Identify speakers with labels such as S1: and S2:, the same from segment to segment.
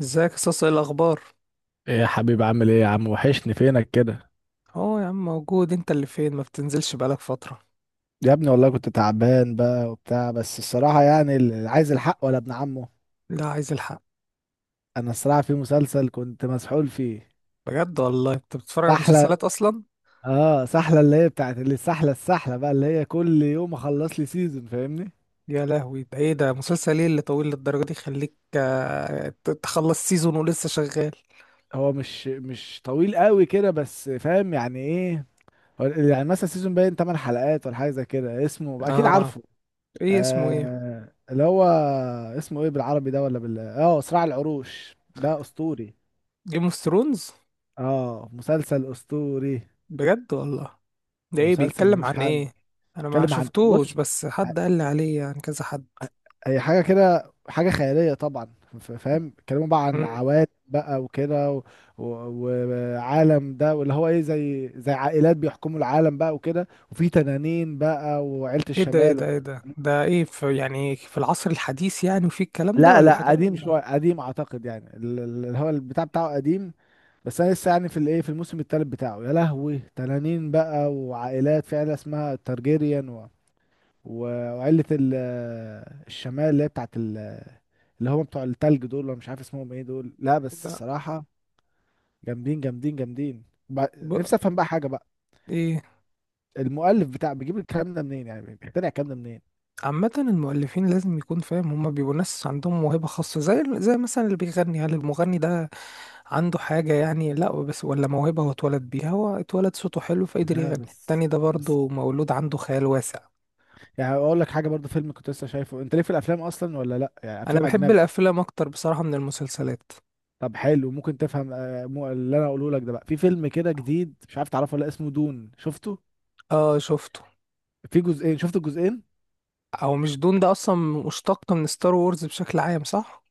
S1: ازيك يا صاصة؟ ايه الاخبار؟
S2: ايه يا حبيبي، عامل ايه يا عم؟ وحشني فينك كده.
S1: اه يا عم، موجود. انت اللي فين؟ ما بتنزلش بقالك فترة.
S2: يا ابني والله كنت تعبان بقى وبتاع، بس الصراحة يعني اللي عايز الحق ولا ابن عمه.
S1: لا، عايز الحق.
S2: انا الصراحة في مسلسل كنت مسحول فيه.
S1: بجد والله، انت بتتفرج على
S2: سحلة.
S1: مسلسلات اصلا؟
S2: اه سحلة اللي هي بتاعت السحلة بقى، اللي هي كل يوم اخلص لي سيزون، فاهمني؟
S1: يا لهوي، ده ايه ده؟ مسلسل ايه اللي طويل للدرجة دي يخليك تخلص سيزون ولسه شغال؟
S2: هو مش طويل قوي كده، بس فاهم يعني ايه. هو يعني مثلا سيزون باين 8 حلقات ولا حاجة زي كده، اسمه اكيد
S1: اه.
S2: عارفه.
S1: ايه اسمه؟ ايه؟
S2: اللي هو اسمه ايه بالعربي ده، ولا بال صراع العروش، ده اسطوري.
S1: جيم اوف ثرونز؟
S2: اه، مسلسل اسطوري.
S1: بجد والله؟ ده ايه؟
S2: مسلسل
S1: بيتكلم
S2: ملوش
S1: عن
S2: حل.
S1: ايه؟ انا ما
S2: اتكلم عن،
S1: شفتوش،
S2: بص،
S1: بس حد قال لي عليه، يعني كذا حد.
S2: هي حاجه كده، حاجه خياليه طبعا. فاهم، اتكلموا بقى عن
S1: مم.
S2: عوالم بقى وكده و- وعالم ده، واللي هو ايه، زي عائلات بيحكموا العالم بقى وكده، وفي تنانين بقى وعيله
S1: ايه ده؟ ايه
S2: الشمال.
S1: ده؟ ايه ده؟ ده ايه، في يعني في العصر الحديث يعني وفي الكلام ده
S2: لا،
S1: ولا
S2: لا،
S1: حاجات؟
S2: قديم شويه، قديم اعتقد، يعني اللي هو البتاع بتاعه قديم. بس انا لسه يعني في الايه، في الموسم الثالث بتاعه، يا لهوي، تنانين بقى وعائلات، في عيله اسمها تارجيريان. وعيلة الشمال، اللي هي بتاعت اللي هم بتوع التلج دول، ولا مش عارف اسمهم ايه دول، لا بس الصراحة جامدين جامدين جامدين. نفسي
S1: لا.
S2: افهم بقى حاجة بقى.
S1: ايه؟
S2: المؤلف بتاع، بيجيب الكلام ده منين يعني؟ بيقتنع الكلام ده منين؟
S1: عامة المؤلفين لازم يكون فاهم، هما بيبقوا ناس عندهم موهبة خاصة، زي زي مثلا اللي بيغني. هل المغني ده عنده حاجة يعني؟ لا بس ولا موهبة، هو اتولد بيها، هو اتولد صوته حلو فقدر
S2: لا
S1: يغني.
S2: بس،
S1: التاني ده
S2: بس
S1: برضه مولود عنده خيال واسع.
S2: يعني اقول لك حاجة برضو، فيلم كنت لسه شايفه، انت ليه في الافلام اصلا ولا لا؟ يعني
S1: انا
S2: افلام
S1: بحب
S2: اجنبي.
S1: الافلام اكتر بصراحة من المسلسلات.
S2: طب حلو، ممكن تفهم اللي انا اقوله لك ده بقى، في فيلم كده جديد، مش عارف تعرفه ولا لأ، اسمه دون، شفته؟
S1: اه شفته.
S2: في جزئين، شفت الجزئين؟
S1: او مش دون ده اصلا مشتق من ستار وورز بشكل عام، صح؟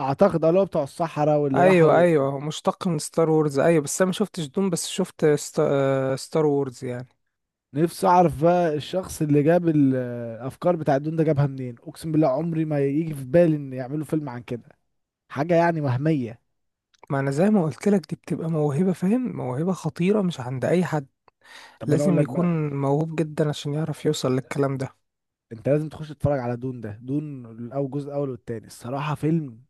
S2: اعتقد اه، اللي هو بتوع الصحراء واللي
S1: ايوه
S2: راحوا.
S1: ايوه، هو مشتق من ستار وورز ايوه، بس انا ما شفتش دون، بس شفت ست... آه، ستار وورز يعني.
S2: نفسي اعرف بقى الشخص اللي جاب الافكار بتاع الدون ده جابها منين، اقسم بالله عمري ما يجي في بالي ان يعملوا فيلم عن كده، حاجه يعني وهميه.
S1: ما انا زي ما قلت لك، دي بتبقى موهبة، فاهم؟ موهبة خطيرة مش عند اي حد.
S2: طب انا اقول
S1: لازم
S2: لك بقى،
S1: يكون موهوب جدا عشان يعرف يوصل للكلام ده.
S2: انت لازم تخش تتفرج على دون ده، دون الاول جزء الاول والتاني، الصراحه فيلم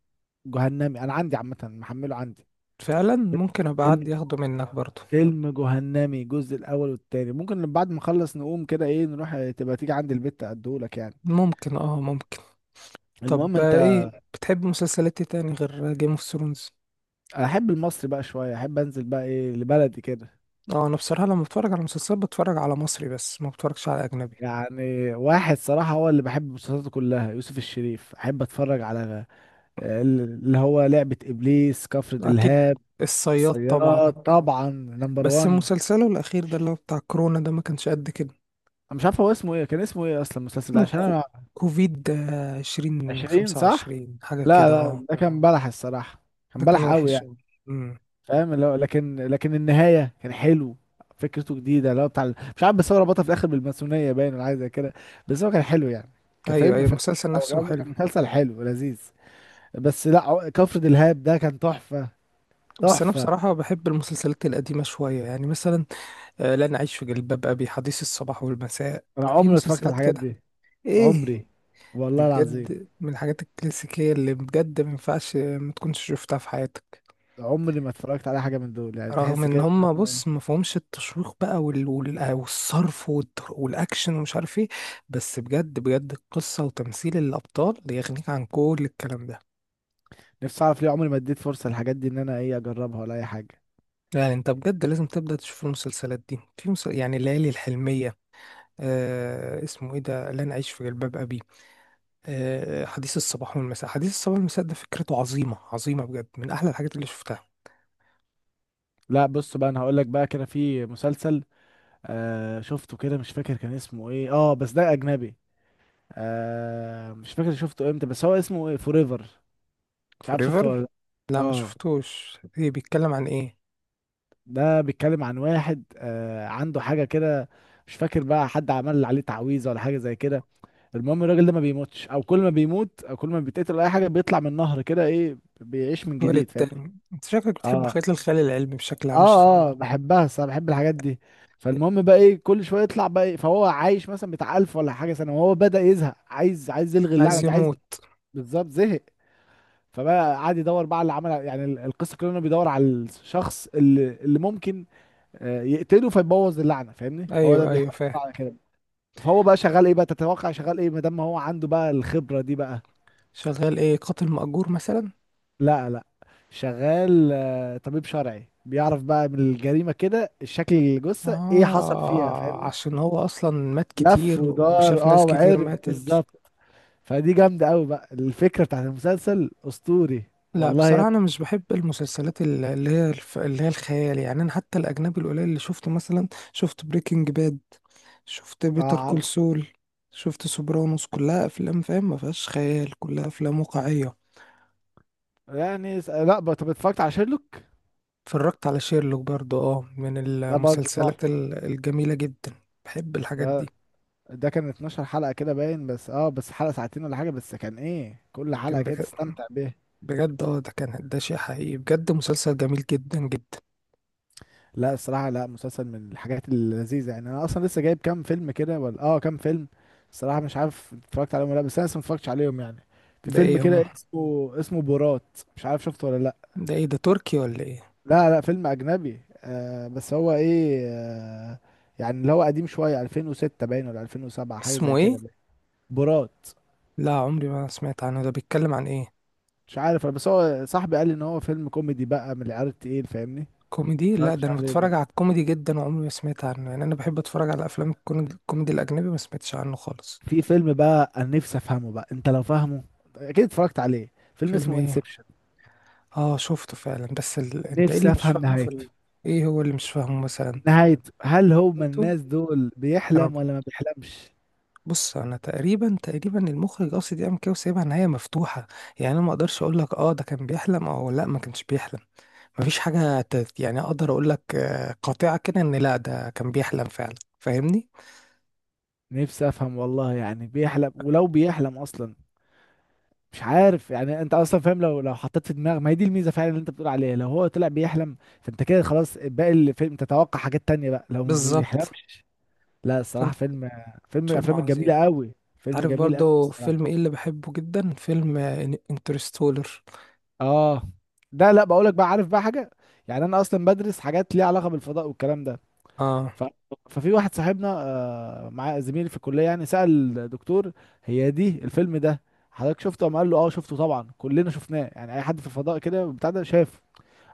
S2: جهنمي، انا عندي عامه محمله عندي.
S1: فعلا، ممكن ابقى حد
S2: فيلم،
S1: ياخده منك برضو.
S2: فيلم جهنمي الجزء الاول والتاني، ممكن لما بعد ما اخلص نقوم كده، ايه، نروح، تبقى تيجي عندي البيت اديهولك يعني.
S1: ممكن، اه ممكن.
S2: المهم
S1: طب
S2: انت،
S1: ايه، بتحب مسلسلات إيه تاني غير جيم اوف ثرونز؟
S2: احب المصري بقى شويه، احب انزل بقى ايه لبلدي كده.
S1: اه، انا بصراحة لما بتفرج على مسلسلات بتفرج على مصري بس، ما بتفرجش على اجنبي.
S2: يعني واحد صراحة هو اللي بحب مسلسلاته كلها، يوسف الشريف، أحب أتفرج على اللي هو لعبة إبليس، كفر
S1: اكيد.
S2: دلهاب.
S1: الصياد
S2: الصياد
S1: طبعا.
S2: طبعا، نمبر
S1: بس
S2: وان.
S1: مسلسله الاخير ده اللي هو بتاع كورونا ده ما كانش قد كده.
S2: أنا مش عارف هو اسمه إيه، كان اسمه إيه أصلا المسلسل ده
S1: اسمه
S2: عشان أنا،
S1: كوفيد 20
S2: عشرين
S1: خمسة
S2: صح؟
S1: وعشرين حاجة
S2: لا،
S1: كده
S2: لا،
S1: اه.
S2: ده كان بلح الصراحة، كان
S1: ده كان
S2: بلح قوي
S1: وحش
S2: يعني.
S1: أوي. امم.
S2: فاهم، اللي هو لكن النهاية كان حلو، فكرته جديدة اللي هو بتاع مش عارف، بس هو ربطها في الآخر بالماسونية باين، ولا حاجة زي كده، بس هو كان حلو يعني،
S1: ايوه
S2: كفيلم
S1: ايوه،
S2: ف...
S1: المسلسل
S2: أو
S1: نفسه
S2: كان
S1: حلو.
S2: كان مسلسل حلو لذيذ. بس لا، كفر دلهاب ده كان تحفة،
S1: بس انا
S2: تحفة.
S1: بصراحه بحب المسلسلات القديمه شويه، يعني مثلا لن اعيش في جلباب ابي، حديث الصباح والمساء.
S2: انا
S1: في
S2: عمري ما اتفرجت على
S1: مسلسلات
S2: الحاجات
S1: كده،
S2: دي،
S1: ايه،
S2: عمري،
S1: دي
S2: والله العظيم،
S1: بجد من الحاجات الكلاسيكيه اللي بجد ما ينفعش ما تكونش شفتها في حياتك.
S2: عمري ما اتفرجت على حاجة من دول يعني،
S1: رغم
S2: تحس
S1: ان
S2: كده إن
S1: هم،
S2: هو
S1: بص،
S2: إيه.
S1: ما فيهمش التشويق بقى والصرف والاكشن ومش عارف ايه، بس بجد بجد القصه وتمثيل الابطال يغنيك عن كل الكلام ده.
S2: نفسي اعرف ليه عمري ما اديت فرصة للحاجات دي، ان انا ايه اجربها ولا اي حاجة.
S1: يعني انت بجد لازم تبدأ تشوف المسلسلات دي. في يعني الليالي الحلمية، آه اسمه ايه ده، لن اعيش في جلباب ابي، آه حديث الصباح والمساء، حديث الصباح والمساء ده فكرته عظيمة عظيمة، بجد من احلى الحاجات اللي شفتها.
S2: لا، بص بقى، انا هقول لك بقى كده، في مسلسل شفته كده، مش فاكر كان اسمه ايه، بس ده اجنبي. مش فاكر شفته امتى، بس هو اسمه ايه، فوريفر، مش عارف شفته ولا
S1: فوريفر؟
S2: لأ.
S1: لا ما
S2: اه،
S1: شفتوش. ايه، بيتكلم عن ايه؟
S2: ده بيتكلم عن واحد، عنده حاجة كده، مش فاكر بقى، حد عمل عليه تعويذة ولا حاجة زي كده. المهم الراجل ده ما بيموتش، او كل ما بيموت او كل ما بيتقتل أو اي حاجة، بيطلع من النهر كده، ايه، بيعيش من
S1: تولد.
S2: جديد، فاهمني؟
S1: انت شكلك بتحب
S2: اه،
S1: حاجات الخيال العلمي بشكل
S2: اه،
S1: عام، مش تتفرج
S2: اه، بحبها الصراحة، بحب الحاجات دي.
S1: على-
S2: فالمهم بقى ايه، كل شوية يطلع بقى إيه، فهو عايش مثلا بتاع 1000 ولا حاجة سنة، وهو بدأ يزهق، عايز يلغي اللعنة
S1: عايز
S2: دي، عايز،
S1: يموت.
S2: بالظبط زهق. فبقى قعد يدور بقى على اللي عمل، يعني القصة كلها انه بيدور على الشخص اللي ممكن يقتله فيبوظ اللعنه، فاهمني، هو ده
S1: ايوه ايوه،
S2: بيحاول
S1: فاهم.
S2: يطلع على كده. فهو بقى شغال ايه بقى، تتوقع شغال ايه ما دام هو عنده بقى الخبره دي بقى؟
S1: شغال ايه، قاتل مأجور مثلا؟
S2: لا، لا، شغال طبيب شرعي، بيعرف بقى من الجريمه كده، الشكل، الجثه ايه حصل فيها،
S1: اه،
S2: فاهمني؟
S1: عشان هو اصلا مات
S2: لف
S1: كتير
S2: ودار،
S1: وشاف ناس كتير
S2: وعرف
S1: ماتت.
S2: بالظبط. فدي جامده قوي بقى، الفكره بتاعت المسلسل اسطوري.
S1: لا
S2: والله يا
S1: بصراحة، أنا
S2: ابني.
S1: مش بحب المسلسلات اللي هي اللي هي الخيال، يعني أنا حتى الأجنبي القليل اللي شفته مثلا، شفت بريكنج باد، شفت بيتر
S2: اه
S1: كول
S2: عارف.
S1: سول، شفت سوبرانوس، كلها أفلام، فاهم؟ ما فيهاش خيال، كلها أفلام واقعية.
S2: يعني اس- لا بقى- طب اتفرجت على شيرلوك؟
S1: اتفرجت على شيرلوك برضو، اه، من
S2: ده برضه
S1: المسلسلات
S2: تحفه.
S1: الجميلة جدا. بحب الحاجات دي.
S2: ده ده كان 12 حلقة كده باين، بس اه، بس حلقة ساعتين ولا حاجة، بس كان ايه، كل حلقة
S1: كان
S2: كده
S1: بجد.
S2: تستمتع بيها.
S1: بجد اه، ده كان، ده شيء حقيقي، بجد مسلسل جميل جدا جدا.
S2: لا الصراحة، لا، مسلسل من الحاجات اللذيذة. يعني انا اصلا لسه جايب كام فيلم كده ولا كام فيلم الصراحة، مش عارف اتفرجت عليهم ولا لأ، بس انا لسه ما اتفرجتش عليهم يعني. في
S1: ده
S2: فيلم
S1: ايه هم؟
S2: كده اسمه بورات، مش عارف شفته ولا لا.
S1: ده ايه، ده تركي ولا ايه؟
S2: لا لا، فيلم اجنبي، بس هو ايه يعني اللي هو قديم شوية، 2006 باين، ولا 2007 حاجة
S1: اسمه
S2: زي
S1: ايه؟
S2: كده باين. بورات،
S1: لا عمري ما سمعت عنه. ده بيتكلم عن ايه؟
S2: مش عارف، بس هو صاحبي قال لي ان هو فيلم كوميدي بقى من العيار التقيل، فاهمني؟
S1: كوميدي؟ لا
S2: اتفرجتش
S1: ده انا
S2: عليه
S1: بتفرج على
S2: بقى؟
S1: الكوميدي جدا، وعمري ما سمعت عنه، يعني انا بحب اتفرج على افلام الكوميدي الاجنبي، ما سمعتش عنه خالص.
S2: في فيلم بقى انا نفسي افهمه بقى، انت لو فاهمه، اكيد اتفرجت عليه، فيلم
S1: فيلم
S2: اسمه
S1: ايه؟
S2: انسبشن.
S1: اه شفته فعلا، بس انت ايه
S2: نفسي
S1: اللي مش
S2: افهم
S1: فاهمه
S2: نهايته،
S1: ايه هو اللي مش فاهمه مثلا؟
S2: نهايته هل هو من
S1: ايتو.
S2: الناس دول
S1: انا،
S2: بيحلم ولا ما بيحلمش؟
S1: بص، انا تقريبا تقريبا المخرج قصد يعمل كده وسايبها نهايه مفتوحه، يعني انا ما اقدرش اقول لك اه ده كان بيحلم او لا ما كانش بيحلم. مفيش حاجه يعني اقدر اقول لك قاطعه كده ان لا ده كان بيحلم فعلا، فاهمني؟
S2: نفسي افهم والله، يعني بيحلم، ولو بيحلم اصلا مش عارف، يعني انت اصلا فاهم لو حطيت في دماغك ما هي دي الميزه فعلا اللي انت بتقول عليها، لو هو طلع بيحلم فانت كده خلاص باقي الفيلم تتوقع حاجات تانية بقى، لو ما
S1: بالظبط.
S2: بيحلمش، لا الصراحه
S1: فانت.
S2: فيلم، فيلم من
S1: فيلم
S2: الافلام
S1: عظيم.
S2: الجميله قوي، فيلم
S1: عارف
S2: جميل قوي
S1: برضو
S2: الصراحه.
S1: فيلم ايه اللي بحبه جدا؟ فيلم انترستولر.
S2: اه، ده، لا بقولك بقى، عارف بقى حاجه، يعني انا اصلا بدرس حاجات ليها علاقه بالفضاء والكلام ده،
S1: اه.
S2: ف... ففي واحد صاحبنا، مع زميلي في الكليه يعني، سأل دكتور، هي دي الفيلم ده، حضرتك شفته؟ قام قال له اه شفته طبعا، كلنا شفناه، يعني اي حد في الفضاء كده بتاع ده شافه.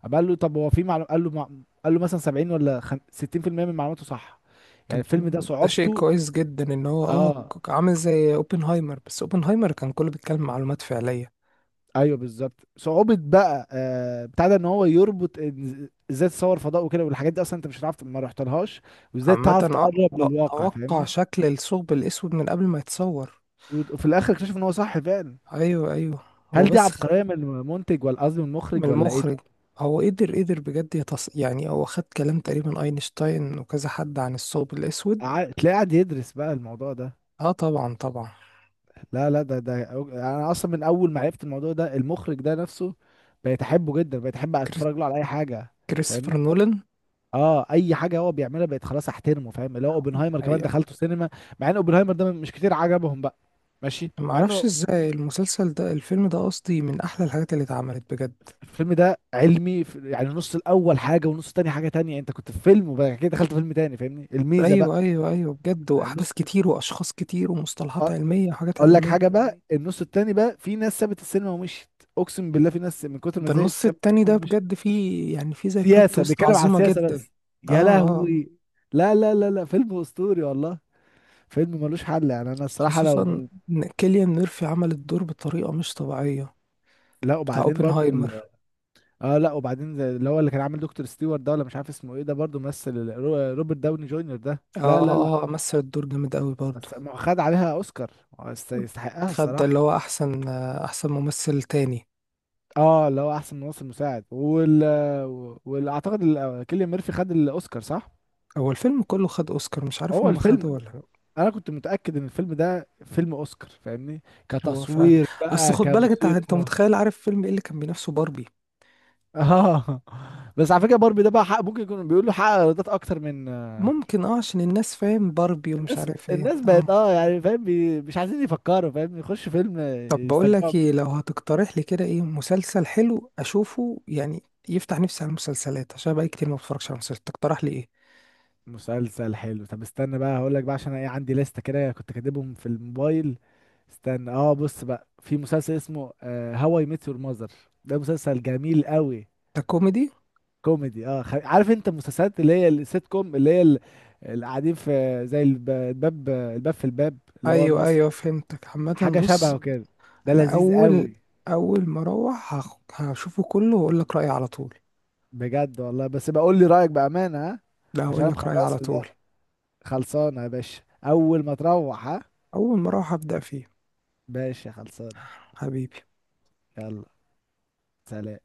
S2: قام قال له طب هو في معلومه، قال له مثلا 70 ولا 60% من معلوماته صح؟ يعني
S1: طب
S2: الفيلم ده
S1: ده شيء
S2: صعوبته،
S1: كويس جدا ان هو اه
S2: اه،
S1: عامل زي اوبنهايمر، بس اوبنهايمر كان كله بيتكلم معلومات فعلية.
S2: ايوه بالظبط، صعوبة بقى بتاع ده ان هو يربط ازاي تصور فضاء وكده، والحاجات دي اصلا انت مش هتعرف ما رحتلهاش، وازاي
S1: عامة
S2: تعرف
S1: اه
S2: تقرب للواقع،
S1: اتوقع
S2: فاهمني؟
S1: شكل الثقب الاسود من قبل ما يتصور.
S2: وفي الاخر اكتشف ان هو صح فعلا.
S1: ايوه ايوه. هو
S2: هل دي
S1: بس
S2: عبقرية من المنتج، ولا قصدي من
S1: من
S2: المخرج، ولا ايه ده؟
S1: المخرج. هو قدر، قدر بجد يعني هو خد كلام تقريبا اينشتاين وكذا حد عن الثقب الاسود.
S2: تلاقيه قاعد يدرس بقى الموضوع ده.
S1: اه طبعا طبعا.
S2: لا، لا، انا اصلا من اول ما عرفت الموضوع ده، المخرج ده نفسه بقيت احبه جدا، بقيت احب
S1: كريس-
S2: اتفرج له على اي حاجة،
S1: كريستوفر
S2: فاهمني؟
S1: نولان.
S2: اه، اي حاجه هو بيعملها بقت خلاص احترمه، فاهم، اللي هو اوبنهايمر كمان
S1: أيوة.
S2: دخلته سينما، مع ان اوبنهايمر ده مش كتير عجبهم بقى، ماشي
S1: ما
S2: مع
S1: اعرفش
S2: انه
S1: ازاي المسلسل ده، الفيلم ده قصدي، من احلى الحاجات اللي اتعملت بجد.
S2: الفيلم ده علمي، يعني النص الاول حاجه والنص التاني حاجه تانية، انت كنت في فيلم وبعد كده دخلت فيلم تاني، فاهمني الميزه
S1: ايوه
S2: بقى؟
S1: ايوه ايوه، بجد
S2: يعني
S1: واحداث
S2: النص،
S1: كتير واشخاص كتير ومصطلحات
S2: أ-
S1: علميه وحاجات
S2: اقول لك
S1: علميه.
S2: حاجه بقى، النص التاني بقى في ناس سابت السينما ومشيت، اقسم بالله في ناس من كتر ما
S1: ده
S2: زهقت
S1: النص
S2: سابت
S1: التاني ده
S2: السينما ومشيت.
S1: بجد فيه، يعني فيه زي بلوت
S2: سياسه،
S1: تويست
S2: بيتكلم على
S1: عظيمه
S2: السياسه
S1: جدا.
S2: بس،
S1: اه
S2: يا
S1: اه آه.
S2: لهوي. لا لا لا لا، فيلم اسطوري والله، فيلم ملوش حل. يعني انا الصراحه لو
S1: خصوصا
S2: من،
S1: ان كيليان ميرفي عمل الدور بطريقه مش طبيعيه،
S2: لا
S1: بتاع
S2: وبعدين برضو
S1: اوبنهايمر.
S2: اه، لا وبعدين زي اللي هو اللي كان عامل دكتور ستيوارت ده، ولا مش عارف اسمه ايه ده برضو ممثل روبرت داوني جونيور ده،
S1: اه
S2: لا لا لا،
S1: اه مثل الدور جامد قوي برضه.
S2: بس ما هو خد عليها اوسكار، هو يستحقها
S1: خد ده اللي
S2: الصراحه.
S1: هو احسن، احسن ممثل تاني.
S2: اه، اللي هو احسن ممثل مساعد، وال، واعتقد كيليان ميرفي خد الاوسكار صح؟
S1: هو الفيلم كله خد اوسكار، مش عارف
S2: هو
S1: هم خدوا
S2: الفيلم،
S1: ولا لأ.
S2: انا كنت متاكد ان الفيلم ده فيلم اوسكار فاهمني،
S1: هو فعلا.
S2: كتصوير
S1: اصل
S2: بقى،
S1: خد بالك انت، انت
S2: كموسيقى.
S1: متخيل، عارف فيلم ايه اللي كان بينافسه؟ باربي.
S2: اه بس على فكره باربي ده بقى، حق ممكن يكون بيقول له حقق ايرادات اكتر من
S1: ممكن اه، عشان الناس فاهم باربي ومش
S2: الناس
S1: عارف ايه
S2: الناس
S1: اه.
S2: بقت يعني فاهم مش عايزين يفكروا، فاهم، يخشوا فيلم
S1: طب بقول
S2: يستمتعوا
S1: لك ايه، لو
S2: بيه.
S1: هتقترح لي كده ايه مسلسل حلو اشوفه يعني، يفتح نفسي على المسلسلات، عشان بقى كتير ما بتفرجش على مسلسلات، تقترح لي ايه؟
S2: مسلسل حلو، طب استنى بقى هقول لك بقى، عشان انا ايه عندي لستة كده كنت كاتبهم في الموبايل، استنى، بص بقى في مسلسل اسمه هواي اي ميت يور ماذر، ده مسلسل جميل قوي،
S1: ده كوميدي؟
S2: كوميدي، عارف انت المسلسلات اللي هي السيت كوم، اللي هي اللي قاعدين في، زي الباب في الباب اللي هو
S1: ايوه
S2: المصري،
S1: ايوه، فهمتك عامه
S2: حاجة شبهه
S1: بص.
S2: كده، ده
S1: انا
S2: لذيذ
S1: اول،
S2: قوي،
S1: اول ما اروح هشوفه كله واقول لك رايي على طول.
S2: بجد والله، بس بقول لي رأيك بأمانة، ها،
S1: لا
S2: عشان
S1: هقول
S2: انا
S1: لك رايي على
S2: مخلصه
S1: طول.
S2: ده، خلصانة يا باشا، أول ما تروح، ها،
S1: اول ما اروح هبدا فيه.
S2: باشا خلصانة،
S1: حبيبي.
S2: يلا، سلام.